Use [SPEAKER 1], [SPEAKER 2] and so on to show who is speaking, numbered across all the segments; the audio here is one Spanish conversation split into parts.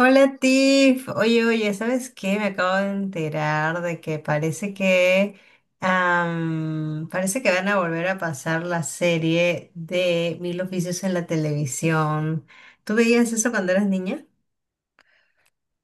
[SPEAKER 1] Hola Tiff, oye, oye, ¿sabes qué? Me acabo de enterar de que parece
[SPEAKER 2] ¿Qué?
[SPEAKER 1] que parece que van a volver a pasar la serie de Mil Oficios en la televisión. ¿Tú veías eso cuando eras niña?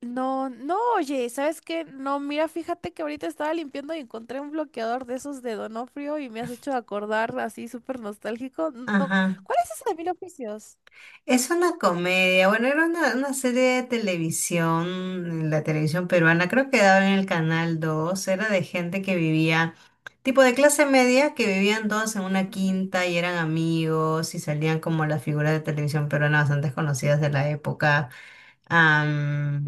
[SPEAKER 2] No, oye, ¿sabes qué? No, mira, fíjate que ahorita estaba limpiando y encontré un bloqueador de esos de Donofrio y me has hecho acordar así súper nostálgico. No, no,
[SPEAKER 1] Ajá.
[SPEAKER 2] ¿cuál es ese de Mil Oficios?
[SPEAKER 1] Es una comedia, bueno, era una serie de televisión, en la televisión peruana, creo que daba en el canal 2. Era de gente que vivía, tipo de clase media, que vivían todos en una
[SPEAKER 2] Ujú.
[SPEAKER 1] quinta y eran amigos y salían como las figuras de televisión peruana bastante conocidas de la época. Am,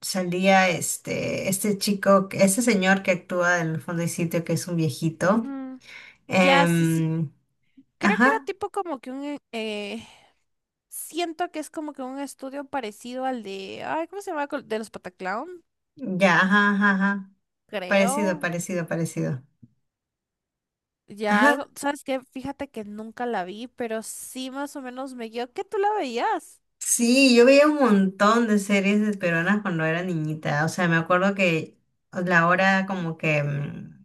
[SPEAKER 1] Salía este chico, este señor que actúa en el fondo del sitio, que es un viejito.
[SPEAKER 2] Ujú. Ya,
[SPEAKER 1] Em,
[SPEAKER 2] creo que era
[SPEAKER 1] ajá,
[SPEAKER 2] tipo como que un siento que es como que un estudio parecido al de... Ay, ¿cómo se llama? De los Pataclown,
[SPEAKER 1] ya, ajá, ajá, ajá. Parecido,
[SPEAKER 2] creo.
[SPEAKER 1] parecido, parecido.
[SPEAKER 2] Ya
[SPEAKER 1] Ajá.
[SPEAKER 2] algo, ¿sabes qué? Fíjate que nunca la vi, pero sí más o menos me guió que tú la veías.
[SPEAKER 1] Sí, yo veía un montón de series de peruanas cuando era niñita. O sea, me acuerdo que la hora como que,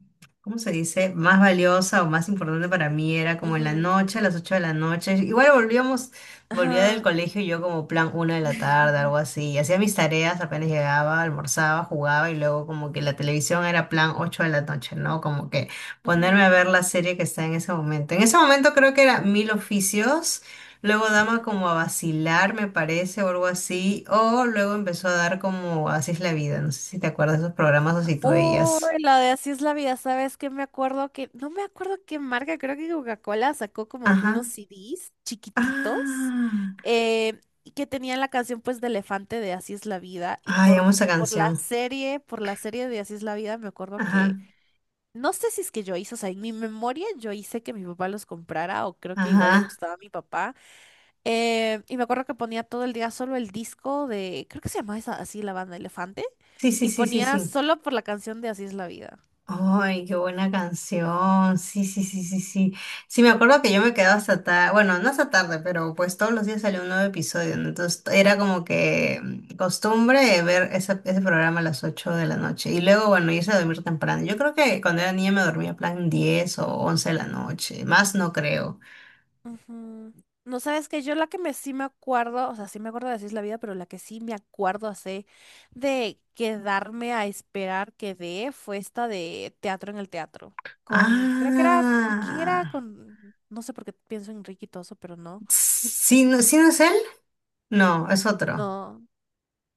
[SPEAKER 1] ¿cómo se dice? Más valiosa o más importante para mí era como en la
[SPEAKER 2] Ujú.
[SPEAKER 1] noche, a las 8 de la noche. Volvía del
[SPEAKER 2] Ajá.
[SPEAKER 1] colegio y yo como plan una de la tarde, algo así. Hacía mis tareas, apenas llegaba, almorzaba, jugaba y luego como que la televisión era plan 8 de la noche, ¿no? Como que ponerme a
[SPEAKER 2] Ujú,
[SPEAKER 1] ver la serie que está en ese momento. En ese momento creo que era Mil Oficios. Luego daba
[SPEAKER 2] ujú.
[SPEAKER 1] como a vacilar, me parece, o algo así. O luego empezó a dar como Así es la vida. No sé si te acuerdas de esos programas o si tú
[SPEAKER 2] Uy,
[SPEAKER 1] veías.
[SPEAKER 2] la de Así es la Vida, ¿sabes qué? Me acuerdo que, no me acuerdo qué marca, creo que Coca-Cola sacó como que unos
[SPEAKER 1] Ajá.
[SPEAKER 2] CDs chiquititos,
[SPEAKER 1] Ah.
[SPEAKER 2] y que tenían la canción pues de Elefante de Así es la Vida y
[SPEAKER 1] Ay, amo esa canción.
[SPEAKER 2] por la serie de Así es la Vida me acuerdo que,
[SPEAKER 1] Ajá.
[SPEAKER 2] no sé si es que yo hice, o sea, en mi memoria yo hice que mi papá los comprara, o creo que igual le
[SPEAKER 1] Ajá.
[SPEAKER 2] gustaba a mi papá. Y me acuerdo que ponía todo el día solo el disco de, creo que se llamaba así la banda Elefante.
[SPEAKER 1] Sí, sí,
[SPEAKER 2] Y
[SPEAKER 1] sí, sí,
[SPEAKER 2] ponía
[SPEAKER 1] sí.
[SPEAKER 2] solo por la canción de Así es la Vida.
[SPEAKER 1] Ay, qué buena canción. Sí, sí, sí, sí, sí. Sí, me acuerdo que yo me quedaba hasta tarde, bueno, no hasta tarde, pero pues todos los días salía un nuevo episodio, ¿no? Entonces era como que costumbre ver ese programa a las 8 de la noche y luego, bueno, irse a dormir temprano. Yo creo que cuando era niña me dormía plan 10 o once de la noche, más no creo.
[SPEAKER 2] Ujú. No sabes que yo la que me sí me acuerdo, o sea, sí me acuerdo de Así es la Vida, pero la que sí me acuerdo hace de quedarme a esperar que dé, fue esta de Teatro en el Teatro. Con, creo que era, ¿con quién era?
[SPEAKER 1] Ah,
[SPEAKER 2] Con, no sé por qué pienso en Ricky Toso, pero no.
[SPEAKER 1] ¿sí, no, sí no es él? No, es otro.
[SPEAKER 2] No,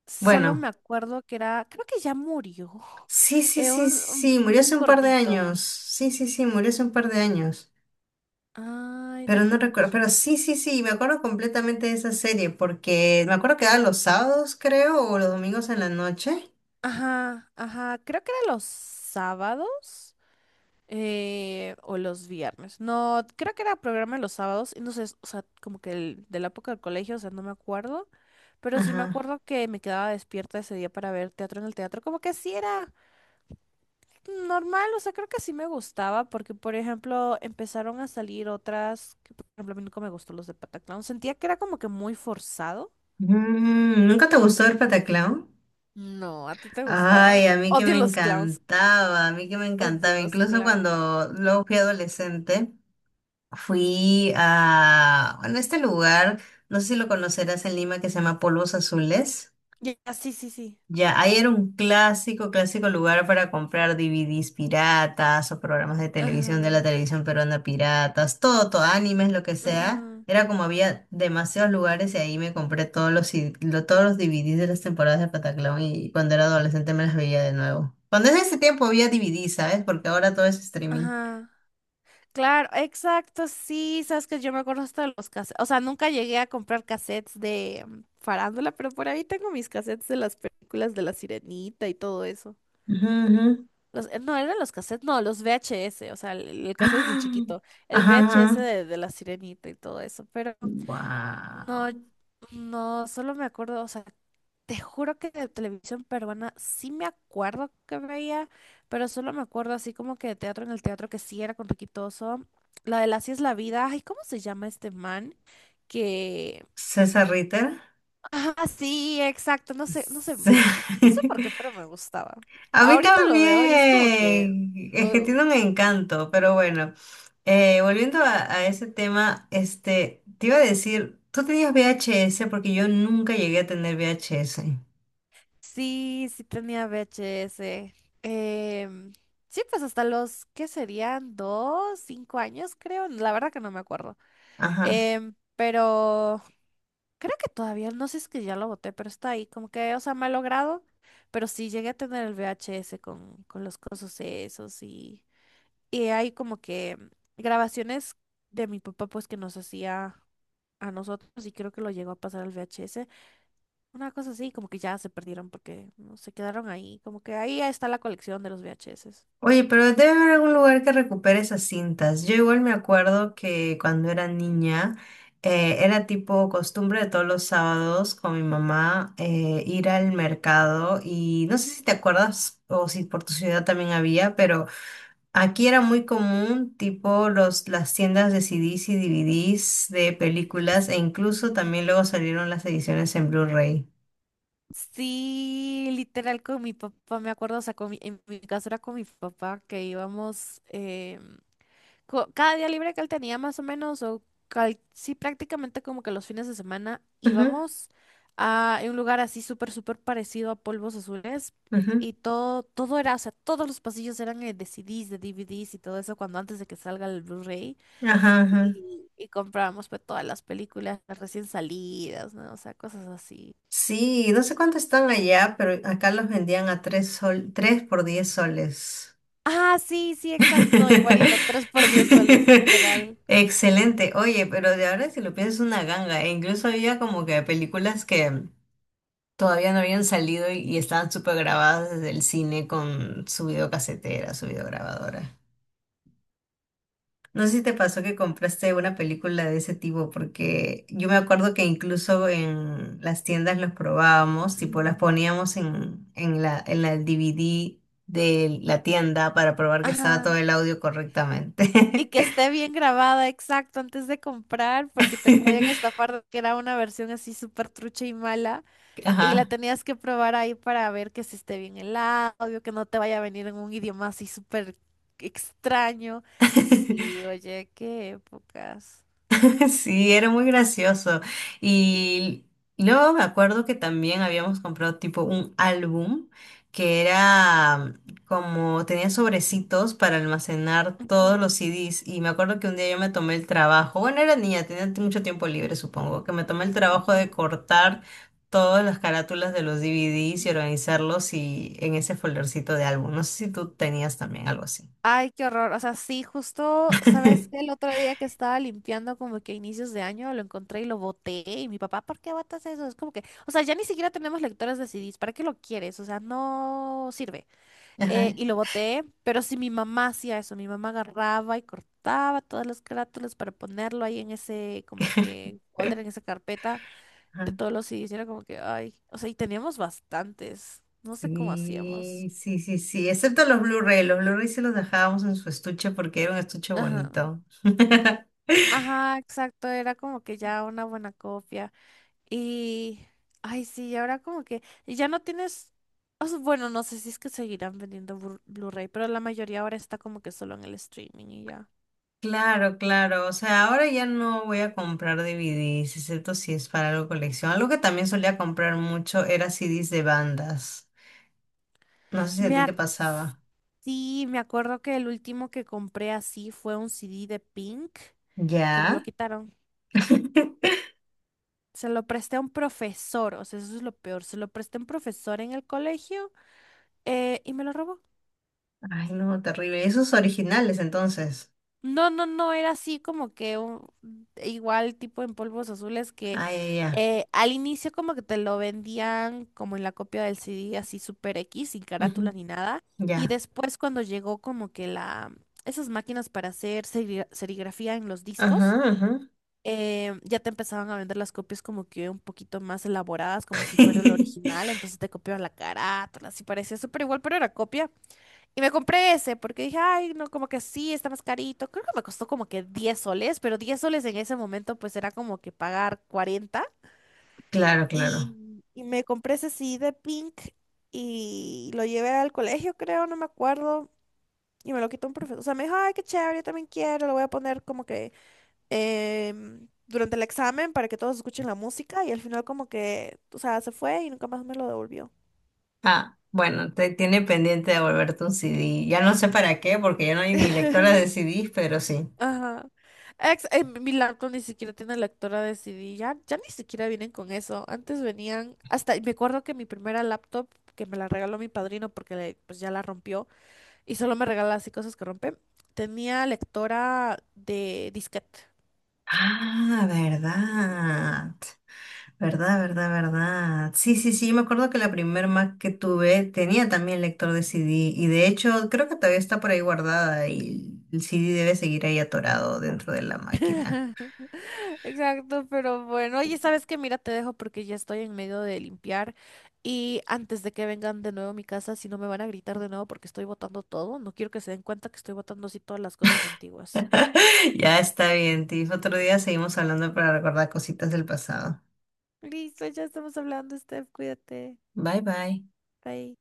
[SPEAKER 2] solo
[SPEAKER 1] Bueno.
[SPEAKER 2] me acuerdo que era, creo que ya murió.
[SPEAKER 1] Sí, sí, sí, sí,
[SPEAKER 2] Un,
[SPEAKER 1] sí, murió hace
[SPEAKER 2] un
[SPEAKER 1] un par de
[SPEAKER 2] gordito.
[SPEAKER 1] años. Sí, sí, sí, murió hace un par de años.
[SPEAKER 2] Ay, no,
[SPEAKER 1] Pero no
[SPEAKER 2] ¿cómo
[SPEAKER 1] recuerdo, pero
[SPEAKER 2] quién?
[SPEAKER 1] sí, sí, sí, me acuerdo completamente de esa serie porque me acuerdo que era los sábados, creo, o los domingos en la noche.
[SPEAKER 2] Ajá, ajá, creo que era los sábados, o los viernes. No, creo que era programa los sábados. Y no sé, o sea, como que de la época del colegio, o sea, no me acuerdo. Pero sí me
[SPEAKER 1] Ajá.
[SPEAKER 2] acuerdo que me quedaba despierta ese día para ver Teatro en el Teatro. Como que sí era normal, o sea, creo que sí me gustaba. Porque, por ejemplo, empezaron a salir otras, que por ejemplo, a mí nunca me gustó los de Pataclown. Sentía que era como que muy forzado.
[SPEAKER 1] Mm, ¿nunca te gustó el Pataclown?
[SPEAKER 2] No, ¿a ti te gustaba?
[SPEAKER 1] Ay, a mí que
[SPEAKER 2] Odio
[SPEAKER 1] me
[SPEAKER 2] los clowns,
[SPEAKER 1] encantaba, a mí que me
[SPEAKER 2] odio
[SPEAKER 1] encantaba.
[SPEAKER 2] los
[SPEAKER 1] Incluso
[SPEAKER 2] clowns.
[SPEAKER 1] cuando luego fui adolescente, fui a, bueno, este lugar, no sé si lo conocerás en Lima, que se llama Polvos Azules.
[SPEAKER 2] Ya, sí, sí, sí.
[SPEAKER 1] Ya, ahí era un clásico, clásico lugar para comprar DVDs piratas o programas de televisión de
[SPEAKER 2] Ajá,
[SPEAKER 1] la televisión peruana piratas, todo, todo, animes, lo que sea.
[SPEAKER 2] ajá,
[SPEAKER 1] Era como había demasiados lugares y ahí me compré todos todos los DVDs de las temporadas de Pataclown y cuando era adolescente me las veía de nuevo. Cuando en ese tiempo había DVDs, ¿sabes? Porque ahora todo es streaming.
[SPEAKER 2] ajá. Claro, exacto, sí, sabes que yo me acuerdo hasta de los cassettes, o sea, nunca llegué a comprar cassettes de farándula, pero por ahí tengo mis cassettes de las películas de La Sirenita y todo eso.
[SPEAKER 1] Ujú, ujú.
[SPEAKER 2] Los, no, eran los cassettes, no, los VHS, o sea, el cassette es el
[SPEAKER 1] ¡Ah!
[SPEAKER 2] chiquito, el
[SPEAKER 1] Ajá,
[SPEAKER 2] VHS
[SPEAKER 1] ajá.
[SPEAKER 2] de La Sirenita y todo eso, pero
[SPEAKER 1] Wow.
[SPEAKER 2] no, no, solo me acuerdo, o sea, te juro que de televisión peruana sí me acuerdo que veía, pero solo me acuerdo así como que de Teatro en el Teatro, que sí era con Riquitoso. La de Así es la Vida. Ay, ¿cómo se llama este man? Que.
[SPEAKER 1] César Ritter.
[SPEAKER 2] Ah, sí, exacto. No sé,
[SPEAKER 1] Sí.
[SPEAKER 2] no sé por qué, pero me gustaba.
[SPEAKER 1] A mí
[SPEAKER 2] Ahorita lo veo y es como que.
[SPEAKER 1] también, es que
[SPEAKER 2] Uh,
[SPEAKER 1] tiene un encanto, pero bueno, volviendo a ese tema, este, te iba a decir, tú tenías VHS porque yo nunca llegué a tener VHS.
[SPEAKER 2] sí, sí tenía VHS. Em, sí, pues hasta los, ¿qué serían? ¿2? ¿5 años? Creo. La verdad que no me acuerdo.
[SPEAKER 1] Ajá.
[SPEAKER 2] Em, pero. Creo que todavía, no sé si es que ya lo boté, pero está ahí, como que, o sea, me ha logrado, pero sí llegué a tener el VHS con los cosas esos y hay como que grabaciones de mi papá pues que nos hacía a nosotros, y creo que lo llegó a pasar al VHS, una cosa así, como que ya se perdieron porque no se quedaron ahí, como que ahí está la colección de los VHS.
[SPEAKER 1] Oye, pero debe haber algún lugar que recupere esas cintas. Yo igual me acuerdo que cuando era niña, era tipo costumbre de todos los sábados con mi mamá ir al mercado y no sé si te acuerdas o si por tu ciudad también había, pero aquí era muy común, tipo las tiendas de CDs y DVDs de películas, e incluso
[SPEAKER 2] Y-
[SPEAKER 1] también luego salieron las ediciones en Blu-ray.
[SPEAKER 2] Sí, literal con mi papá, me acuerdo, o sea, con en mi caso era con mi papá que íbamos, em, cada día libre que él tenía más o menos, o sí, prácticamente como que los fines de semana
[SPEAKER 1] Ujú,
[SPEAKER 2] íbamos a un lugar así súper, súper parecido a Polvos Azules,
[SPEAKER 1] ujú,
[SPEAKER 2] y todo, todo era, o sea, todos los pasillos eran de CDs, de DVDs y todo eso, cuando antes de que salga el Blu-ray,
[SPEAKER 1] ajá, ajá.
[SPEAKER 2] y comprábamos pues todas las películas recién salidas, ¿no? O sea, cosas así.
[SPEAKER 1] Sí, no sé cuánto están allá, pero acá los vendían a 3 sol, 3 por 10 soles.
[SPEAKER 2] Ah, sí, sí, exacto, no, igualito, tres por diez soles, literal.
[SPEAKER 1] Excelente. Oye, pero de ahora si lo piensas es una ganga. E incluso había como que películas que todavía no habían salido y estaban súper grabadas desde el cine con su videocasetera, su videograbadora. No sé si te pasó que compraste una película de ese tipo, porque yo me acuerdo que incluso en las tiendas los probábamos, tipo las
[SPEAKER 2] Ujú.
[SPEAKER 1] poníamos en la DVD de la tienda para probar que estaba todo
[SPEAKER 2] Ajá.
[SPEAKER 1] el audio
[SPEAKER 2] Y
[SPEAKER 1] correctamente.
[SPEAKER 2] que esté bien grabada, exacto, antes de comprar, porque te podían estafar de que era una versión así súper trucha y mala, y la
[SPEAKER 1] Ajá.
[SPEAKER 2] tenías que probar ahí para ver que si esté bien el audio, que no te vaya a venir en un idioma así súper extraño. Sí, oye, qué épocas.
[SPEAKER 1] Sí, era muy gracioso. Y luego me acuerdo que también habíamos comprado tipo un álbum que era como tenía sobrecitos para almacenar todos los
[SPEAKER 2] Ujú,
[SPEAKER 1] CDs. Y me acuerdo que un día yo me tomé el trabajo, bueno, era niña, tenía mucho tiempo libre, supongo, que me tomé el trabajo de
[SPEAKER 2] ujú.
[SPEAKER 1] cortar todas las carátulas de los DVDs y organizarlos y en ese foldercito de álbum. No sé si tú tenías también algo así.
[SPEAKER 2] Ay, qué horror. O sea, sí, justo, ¿sabes qué? El otro día que estaba limpiando como que a inicios de año lo encontré y lo boté. Y mi papá, ¿por qué botas eso? Es como que, o sea, ya ni siquiera tenemos lectores de CDs. ¿Para qué lo quieres? O sea, no sirve.
[SPEAKER 1] Ajá.
[SPEAKER 2] Y lo boté, pero sí mi mamá hacía eso. Mi mamá agarraba y cortaba todas las carátulas para ponerlo ahí en ese, como que, folder, en esa carpeta de todos los CDs. Y era como que, ay, o sea, y teníamos bastantes. No sé cómo hacíamos.
[SPEAKER 1] Sí, sí, sí, sí, excepto los Blu-ray sí los dejábamos en su estuche porque era un estuche
[SPEAKER 2] Ajá.
[SPEAKER 1] bonito.
[SPEAKER 2] Ajá, exacto, era como que ya una buena copia. Y, ay, sí, ahora como que y ya no tienes, o sea, bueno, no sé si es que seguirán vendiendo Blu-ray, pero la mayoría ahora está como que solo en el streaming y ya.
[SPEAKER 1] Claro, claro, o sea, ahora ya no voy a comprar DVDs, excepto si es para algo de colección. Algo que también solía comprar mucho era CDs de bandas. No sé si a
[SPEAKER 2] Me
[SPEAKER 1] ti
[SPEAKER 2] ac-
[SPEAKER 1] te pasaba.
[SPEAKER 2] sí, me acuerdo que el último que compré así fue un CD de Pink, que me lo
[SPEAKER 1] ¿Ya?
[SPEAKER 2] quitaron. Se lo presté a un profesor, o sea, eso es lo peor, se lo presté a un profesor en el colegio, y me lo robó.
[SPEAKER 1] Ay, no, terrible. Esos originales, entonces.
[SPEAKER 2] No, era así como que un- igual tipo en Polvos Azules, que
[SPEAKER 1] Ay, ya.
[SPEAKER 2] al inicio como que te lo vendían como en la copia del CD así super X, sin
[SPEAKER 1] Ya. Ujú,
[SPEAKER 2] carátula ni nada. Y
[SPEAKER 1] ya.
[SPEAKER 2] después cuando llegó como que esas máquinas para hacer serigrafía en los discos,
[SPEAKER 1] Ajá, ajá.
[SPEAKER 2] ya te empezaban a vender las copias como que un poquito más elaboradas, como si fuera el original. Entonces te copiaban la carátula, así parecía súper igual, pero era copia. Y me compré ese porque dije, ay, no, como que sí, está más carito. Creo que me costó como que 10 soles, pero 10 soles en ese momento pues era como que pagar 40.
[SPEAKER 1] Claro, claro.
[SPEAKER 2] Y me compré ese sí de Pink y lo llevé al colegio, creo, no me acuerdo. Y me lo quitó un profesor. O sea, me dijo, ay, qué chévere, yo también quiero. Lo voy a poner como que durante el examen para que todos escuchen la música. Y al final como que, o sea, se fue y nunca más me lo devolvió.
[SPEAKER 1] Ah, bueno, te tiene pendiente de volverte un CD. Ya no sé para qué, porque ya no hay ni lectora de CDs, pero sí.
[SPEAKER 2] Ajá. Mi laptop ni siquiera tiene lectora de CD, ya, ya ni siquiera vienen con eso. Antes venían, hasta, me acuerdo que mi primera laptop, que me la regaló mi padrino porque pues ya la rompió, y solo me regala así cosas que rompe, tenía lectora de disquete.
[SPEAKER 1] Ah, verdad. Verdad, verdad, verdad. Sí, sí, sí, yo me acuerdo que la primer Mac que tuve tenía también lector de CD y de hecho creo que todavía está por ahí guardada y el CD debe seguir ahí atorado dentro de la máquina.
[SPEAKER 2] Exacto, pero bueno, oye, ¿sabes qué? Mira, te dejo porque ya estoy en medio de limpiar, y antes de que vengan de nuevo a mi casa, si no me van a gritar de nuevo porque estoy botando todo, no quiero que se den cuenta que estoy botando así todas las cosas antiguas.
[SPEAKER 1] Ya está bien, Tiff. Otro día seguimos hablando para recordar cositas del pasado.
[SPEAKER 2] Listo, ya estamos hablando, Steph, cuídate.
[SPEAKER 1] Bye, bye.
[SPEAKER 2] Bye.